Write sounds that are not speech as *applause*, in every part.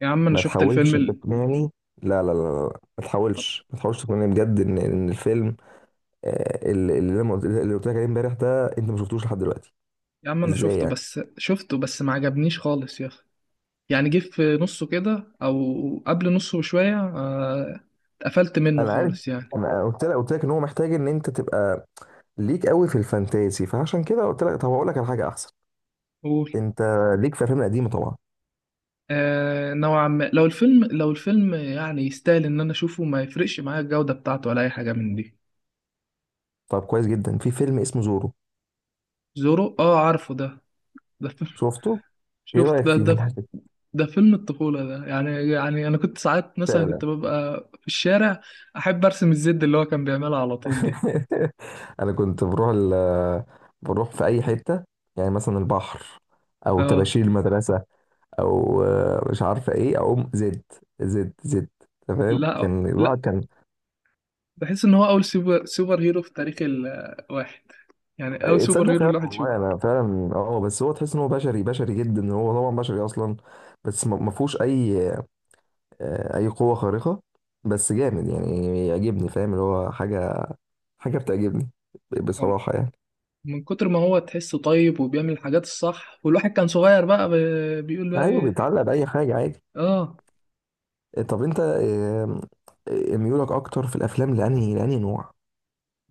يا عم انا ما شفت الفيلم تحاولش ال... تقنعني. لا لا لا لا، ما تحاولش تقنعني بجد ان الفيلم اللي قلت لك عليه امبارح ده انت ما شفتوش لحد دلوقتي. يا عم انا ازاي شفته يعني؟ بس ما عجبنيش خالص يا اخي. يعني جه في نصه كده او قبل نصه بشويه، اتقفلت منه انا عارف. خالص يعني. انا قلت لك ان هو محتاج ان انت تبقى ليك قوي في الفانتازي، فعشان كده قلت لك طب هقول لك على حاجه احسن. قول. انت ليك في الافلام القديمه طبعا. آه نوعا ما، لو الفيلم لو الفيلم يعني يستاهل ان انا اشوفه، ما يفرقش معايا الجودة بتاعته ولا اي حاجة من دي. طب كويس جدا، في فيلم اسمه زورو. زورو، اه عارفه ده. ده فيلم. شفته؟ *laughs* ايه شفت رايك ده فيه؟ *laughs* في ده. الحاجه. ده فيلم الطفولة ده، يعني يعني انا كنت ساعات مثلا كنت ببقى في الشارع احب ارسم الزد اللي هو كان بيعملها على طول دي. *laughs* انا كنت بروح بروح في اي حته، يعني مثلا البحر، او اه. طباشير المدرسه، او مش عارفه ايه، اقوم زد زد زد. تمام لا كان لا الواحد كان. بحس ان هو اول سوبر هيرو في تاريخ الواحد. يعني اول سوبر تصدق هيرو فعلا الواحد والله شوفه. انا فعلا اه، بس هو تحس ان هو بشري، بشري جدا. هو طبعا بشري اصلا، بس ما فيهوش اي، اي قوه خارقه، بس جامد يعني، يعجبني فاهم، اللي هو حاجه، بتعجبني هو بصراحه يعني. من كتر ما هو تحسه طيب وبيعمل الحاجات الصح، والواحد كان صغير بقى بيقول بقى ايوه ايه. بيتعلق باي حاجه عادي. اه. طب انت ميولك اكتر في الافلام لانهي نوع؟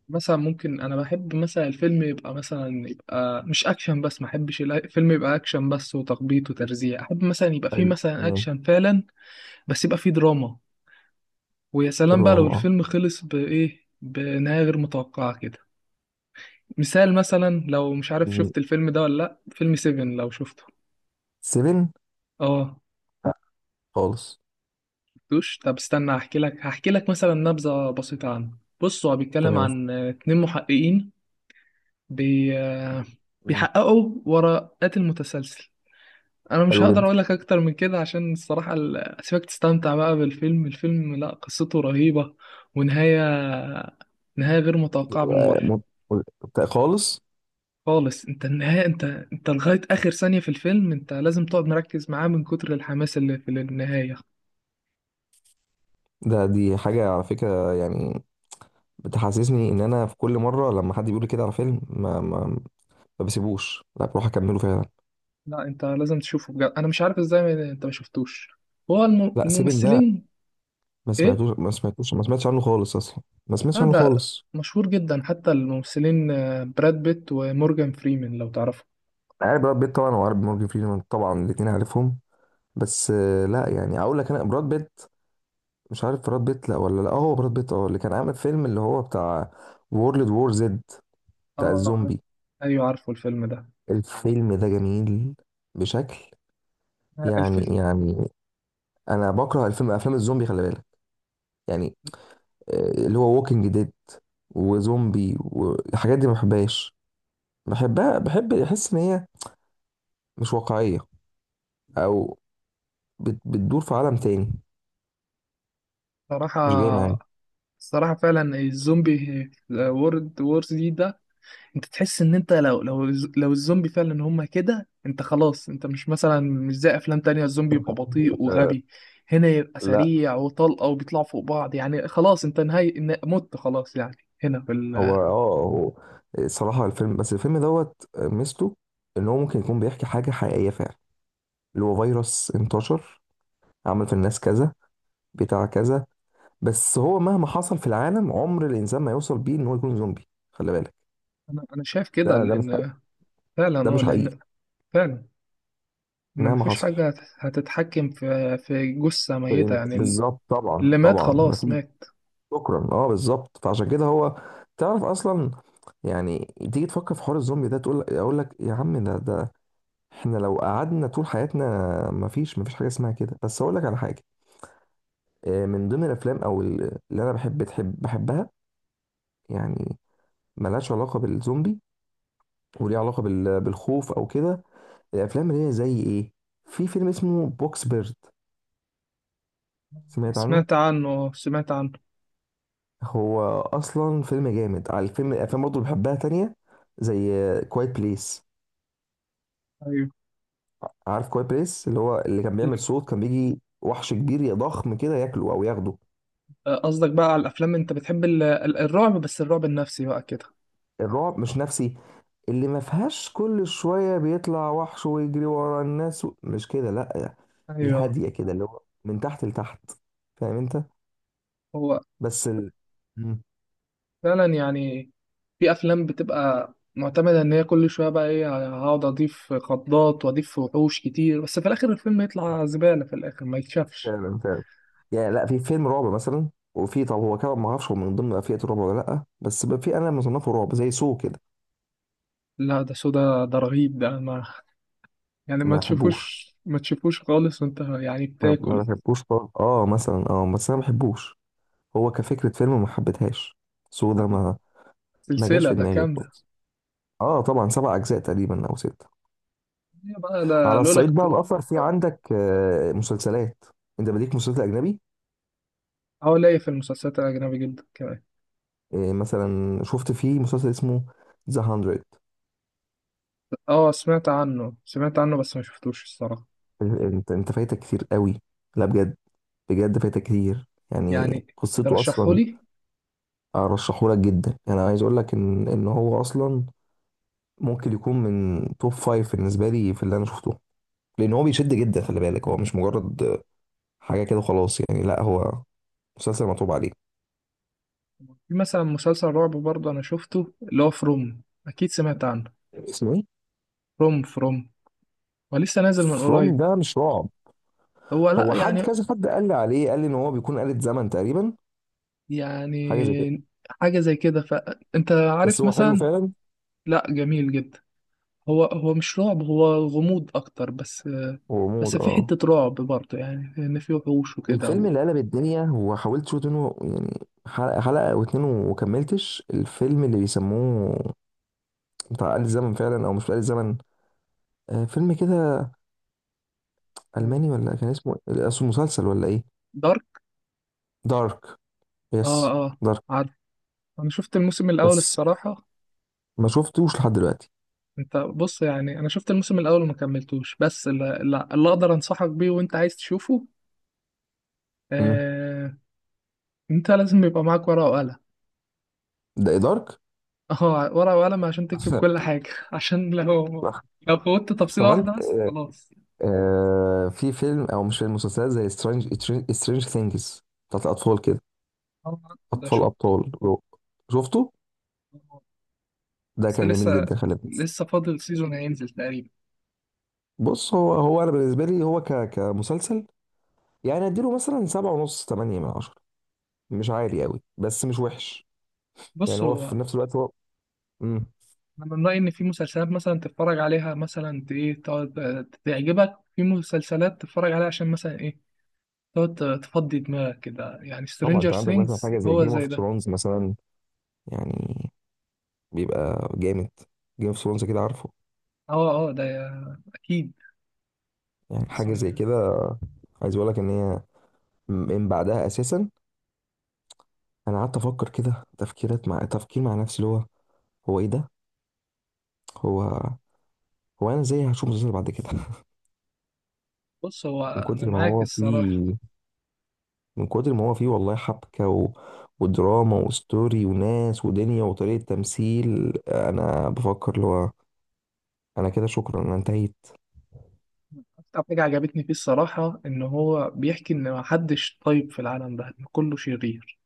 مثلا ممكن انا بحب مثلا الفيلم يبقى مثلا يبقى مش اكشن بس، ما احبش الفيلم يبقى اكشن بس وتخبيط وترزيع، احب مثلا يبقى فيه حلو مثلا تمام. اكشن فعلا، بس يبقى فيه دراما. ويا سلام بقى لو الروم اه. الفيلم خلص بايه، بنهاية غير متوقعة كده. مثال مثلا لو مش عارف، شفت الفيلم ده ولا لا؟ فيلم سيفن لو شفته. سيفن. اه. خالص. شفتوش؟ طب استنى هحكي لك، هحكي لك مثلا نبذة بسيطة عنه. بص، هو بيتكلم تمام. عن اتنين محققين. بي... آه، مم. بيحققوا ورا قاتل متسلسل. انا مش حلو هقدر جدا. اقول لك اكتر من كده، عشان الصراحة اسيبك تستمتع بقى بالفيلم. الفيلم لا، قصته رهيبة. ونهاية غير متوقعة آه، بالمرة. م- خالص. خالص انت النهاية، انت انت لغاية آخر ثانية في الفيلم انت لازم تقعد مركز معاه من كتر الحماس اللي في النهاية. ده دي حاجة على فكرة يعني، بتحسسني ان انا في كل مرة لما حد بيقول لي كده على فيلم، ما بسيبوش، لا بروح اكمله فعلا. لا، انت لازم تشوفه بجد. انا مش عارف ازاي انت ما شفتوش. هو لا سيفن ده الممثلين. ايه ما سمعتش عنه خالص، اصلا ما سمعتش عنه هذا، خالص. مشهور جدا. حتى الممثلين، براد بيت ومورجان فريمان، لو تعرفه. عارف براد بيت طبعا، وعارف مورجان فريمان طبعا، الاتنين عارفهم. بس لا يعني اقول لك انا براد بيت، مش عارف براد بيت لا ولا لا، هو براد بيت اه اللي كان عامل فيلم اللي هو بتاع وورلد وور زد، بتاع اه الزومبي. ايوه، عارفه الفيلم ده. الفيلم ده جميل بشكل الفيلم يعني. انا بكره الفيلم، افلام الزومبي خلي بالك، يعني اللي هو ووكينج ديد وزومبي والحاجات دي، ما بحبهاش. بحبها، بحب احس ان هي مش واقعية، او بتدور في عالم تاني، مش جاي معايا. صراحة. الصراحة فعلا الزومبي، وورد وورز دي ده، انت تحس ان انت لو الزومبي فعلا هما كده، انت خلاص، انت مش مثلا مش زي افلام تانية الزومبي يبقى *laughs* بطيء لا وغبي. هنا يبقى لا. سريع وطلقة وبيطلعوا فوق بعض، يعني خلاص انت نهاية مت خلاص يعني. هنا في هو ال... اه، هو صراحة الفيلم، بس الفيلم دوت ميزته ان هو ممكن يكون بيحكي حاجة حقيقية فعلا، اللي هو فيروس انتشر، عمل في الناس كذا، بتاع كذا. بس هو مهما حصل في العالم عمر الانسان ما يوصل بيه ان هو يكون زومبي خلي بالك. انا شايف كده، ده مش حقيقي. لان فعلا ده اه، مش حقيقي لان فعلا ان مهما مفيش حصل. حاجة هتتحكم في في جثة ميتة يعني. بالظبط، طبعا اللي مات طبعا، ما خلاص في. مات. شكرا اه بالظبط، فعشان كده هو تعرف اصلا، يعني تيجي تفكر في حوار الزومبي ده، تقول، اقول لك يا عم، ده احنا لو قعدنا طول حياتنا مفيش حاجه اسمها كده. بس اقول لك على حاجه، من ضمن الافلام اللي انا بحبها يعني، ملهاش علاقه بالزومبي وليها علاقه بالخوف او كده، الافلام اللي هي زي ايه، في فيلم اسمه بوكس بيرد. سمعت عنه. سمعت عنه، سمعت عنه. هو اصلا فيلم جامد. على الفيلم، الافلام برضه اللي بحبها تانية زي كوايت بليس. ايوه. عارف كوايت بليس اللي هو اللي كان بيعمل صوت كان بيجي وحش كبير يا ضخم كده ياكله او ياخده. قصدك بقى على الافلام انت بتحب الرعب، بس الرعب النفسي بقى كده. الرعب مش نفسي، اللي ما فيهاش كل شوية بيطلع وحش ويجري ورا الناس مش كده لا، ايوه. الهادية كده اللي هو من تحت لتحت، فاهم انت؟ هو بس مم. فعلا يعني، في افلام بتبقى معتمده ان هي كل شويه بقى ايه، هقعد اضيف خضات واضيف وحوش كتير، بس في الاخر الفيلم يطلع زباله، في الاخر ما يتشافش. فعلا فعلا يعني. لا في فيلم رعب مثلا، وفي طب هو كده ما اعرفش هو من ضمن فئة الرعب ولا لا، بس بقى في، انا مصنفه رعب، زي سو كده. لا ده سودا ده رهيب، ده ما *laughs* يعني ما ما بحبوش، تشوفوش، ما تشوفوش خالص وانت يعني ما بتاكل. بحبوش خالص اه، مثلا اه بس انا ما بحبوش. هو كفكرة فيلم ما حبيتهاش. سو ده ما ما جاش سلسله في ده دماغي كامله. خالص. اه طبعا 7 اجزاء تقريبا او ست. هي بقى على لولا الصعيد بقى اختلاف. الاخر، في عندك مسلسلات، انت بديك مسلسل اجنبي؟ اه ليا في المسلسلات الاجنبي جدا كمان. مثلا شفت فيه مسلسل اسمه ذا 100. اه سمعت عنه، سمعت عنه، بس ما شفتوش الصراحه. انت فايتك كتير قوي، لا بجد، بجد فايتك كتير، يعني يعني قصته اصلا. ترشحهولي. ارشحه لك جدا، يعني انا عايز اقول لك ان هو اصلا ممكن يكون من توب فايف بالنسبه لي في اللي انا شفته، لان هو بيشد جدا خلي بالك، هو مش مجرد حاجه كده خلاص يعني، لا هو مسلسل مطلوب عليه. في مثلا مسلسل رعب برضه انا شفته، اللي هو فروم. اكيد سمعت عنه. اسمه ايه؟ فروم، ولسه نازل من فروم قريب. ده مش رعب. هو لا هو حد يعني. كذا، حد قال لي عليه، قال لي ان هو بيكون آلة زمن تقريبا، حاجه زي كده، يعني حاجة زي كده، فانت بس عارف هو حلو مثلا. فعلا. لا جميل جدا. هو مش رعب، هو غموض اكتر بس. هو موت بس في اه. حتة رعب برضه يعني، ان في وحوش وكده الفيلم و... اللي قلب الدنيا هو حاولت شوط منه يعني حلقه حلقه او اتنين، وكملتش. الفيلم اللي بيسموه بتاع آلة زمن فعلا، او مش بتاع آلة زمن، آه فيلم كده الماني، ولا كان اسمه إيه؟ اسمه مسلسل ولا ايه؟ دارك. دارك. يس، اه اه، دارك. عارف. انا شفت الموسم الاول بس الصراحة. ما شفتوش لحد دلوقتي. انت بص، يعني انا شفت الموسم الاول وما كملتوش، بس اللي, اللي اقدر انصحك بيه وانت عايز تشوفه، امم، آه، انت لازم يبقى معاك ورقة وقلم. ده إيه دارك؟ *laughs* اه ورقة وقلم عشان تكتب كل حاجة *laughs* عشان لو، *laughs* لو فوتت تفصيلة طب انت، واحدة بس خلاص. آه في فيلم او مش فيلم، مسلسلات زي سترينج، سترينج ثينجز بتاعت الاطفال كده، اه عارفه ده، اطفال شفت. ابطال. شفته. ده بس كان جميل لسه، جدا خلي بالك. لسه فاضل سيزون هينزل تقريبا. بص هو، انا بالنسبه لي هو كمسلسل يعني، اديله مثلا 7.5 8/10، مش عالي قوي بس مش وحش، يعني بص هو في هو نفس الوقت هو مم. انا من رأيي ان في مسلسلات مثلا تتفرج عليها مثلا ايه تقعد تعجبك، في مسلسلات تتفرج عليها عشان مثلا ايه تقعد تفضي دماغك كده، يعني طبعا سترينجر انت عندك مثلا ثينجز حاجه زي هو جيم زي اوف ده. ثرونز مثلا، يعني بيبقى جامد. جيم اوف ثرونز كده عارفه؟ اه اه ده اكيد. يعني بس حاجه زي كده. عايز اقول لك ان هي من بعدها اساسا انا قعدت افكر كده تفكيرات، مع تفكير مع نفسي اللي هو هو ايه ده، هو هو انا ازاي هشوف مسلسل بعد كده؟ *laughs* بص هو من انا كتر ما معاك هو الصراحة. فيه، من كتر ما هو فيه والله حبكة ودراما وستوري وناس ودنيا وطريقة تمثيل، انا بفكر اللي هو انا كده شكرا انا انتهيت. أكتر حاجة عجبتني فيه الصراحة إن هو بيحكي إن محدش طيب في العالم ده، إن كله شرير.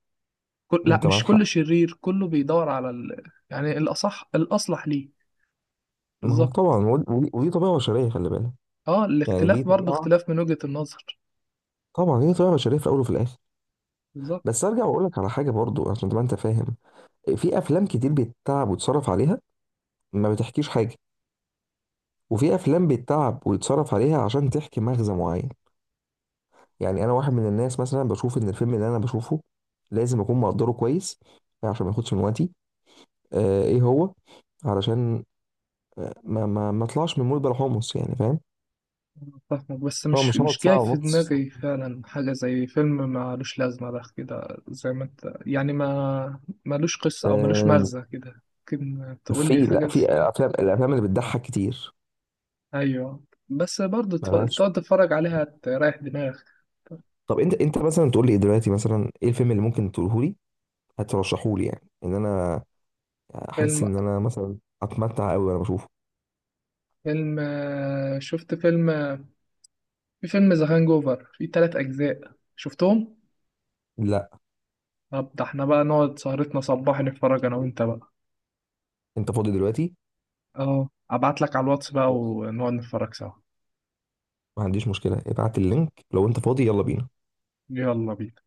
لا انت مش معاك كله حق. شرير، كله بيدور على يعني الأصح الأصلح ليه. ما هو طبعا، بالظبط. ودي طبيعة بشرية خلي بالك، أه يعني دي الاختلاف برضه طبيعة، اختلاف من وجهة النظر. طبعا هي طبيعة بشرية في الاول وفي الاخر. بالظبط. بس ارجع واقول لك على حاجة برضو عشان تبقى انت فاهم، في افلام كتير بتتعب وتصرف عليها ما بتحكيش حاجة، وفي افلام بتتعب ويتصرف عليها عشان تحكي مغزى معين. يعني انا واحد من الناس مثلا بشوف ان الفيلم اللي انا بشوفه لازم اكون مقدره كويس عشان ما ياخدش من وقتي، آه ايه هو علشان ما اطلعش من مود بلا حمص، يعني فاهم؟ فاهمك، بس هو مش مش مش هقعد جاي ساعه في ونص دماغي فعلا حاجة زي فيلم مالوش لازمة ده كده زي ما أنت يعني، ما مالوش قصة أو مالوش آه، مغزى كده. ممكن تقول لي في حاجة لا في افلام، الافلام اللي بتضحك كتير أيوه، بس برضه ملهاش. تقعد تتفرج عليها تريح دماغك. طب انت مثلا تقول لي دلوقتي مثلا ايه الفيلم اللي ممكن تقوله لي هترشحه لي، يعني ان انا احس فيلم، ان انا مثلا اتمتع قوي وانا بشوفه؟ فيلم شفت فيلم، في فيلم ذا هانج اوفر، في تلات اجزاء شفتهم. لا طب ده احنا بقى نقعد سهرتنا صباح نتفرج انا وانت بقى. انت فاضي دلوقتي. اه ابعت لك على الواتس بقى ما ونقعد نتفرج سوا. عنديش مشكلة، ابعت اللينك لو انت فاضي يلا بينا. يلا بينا.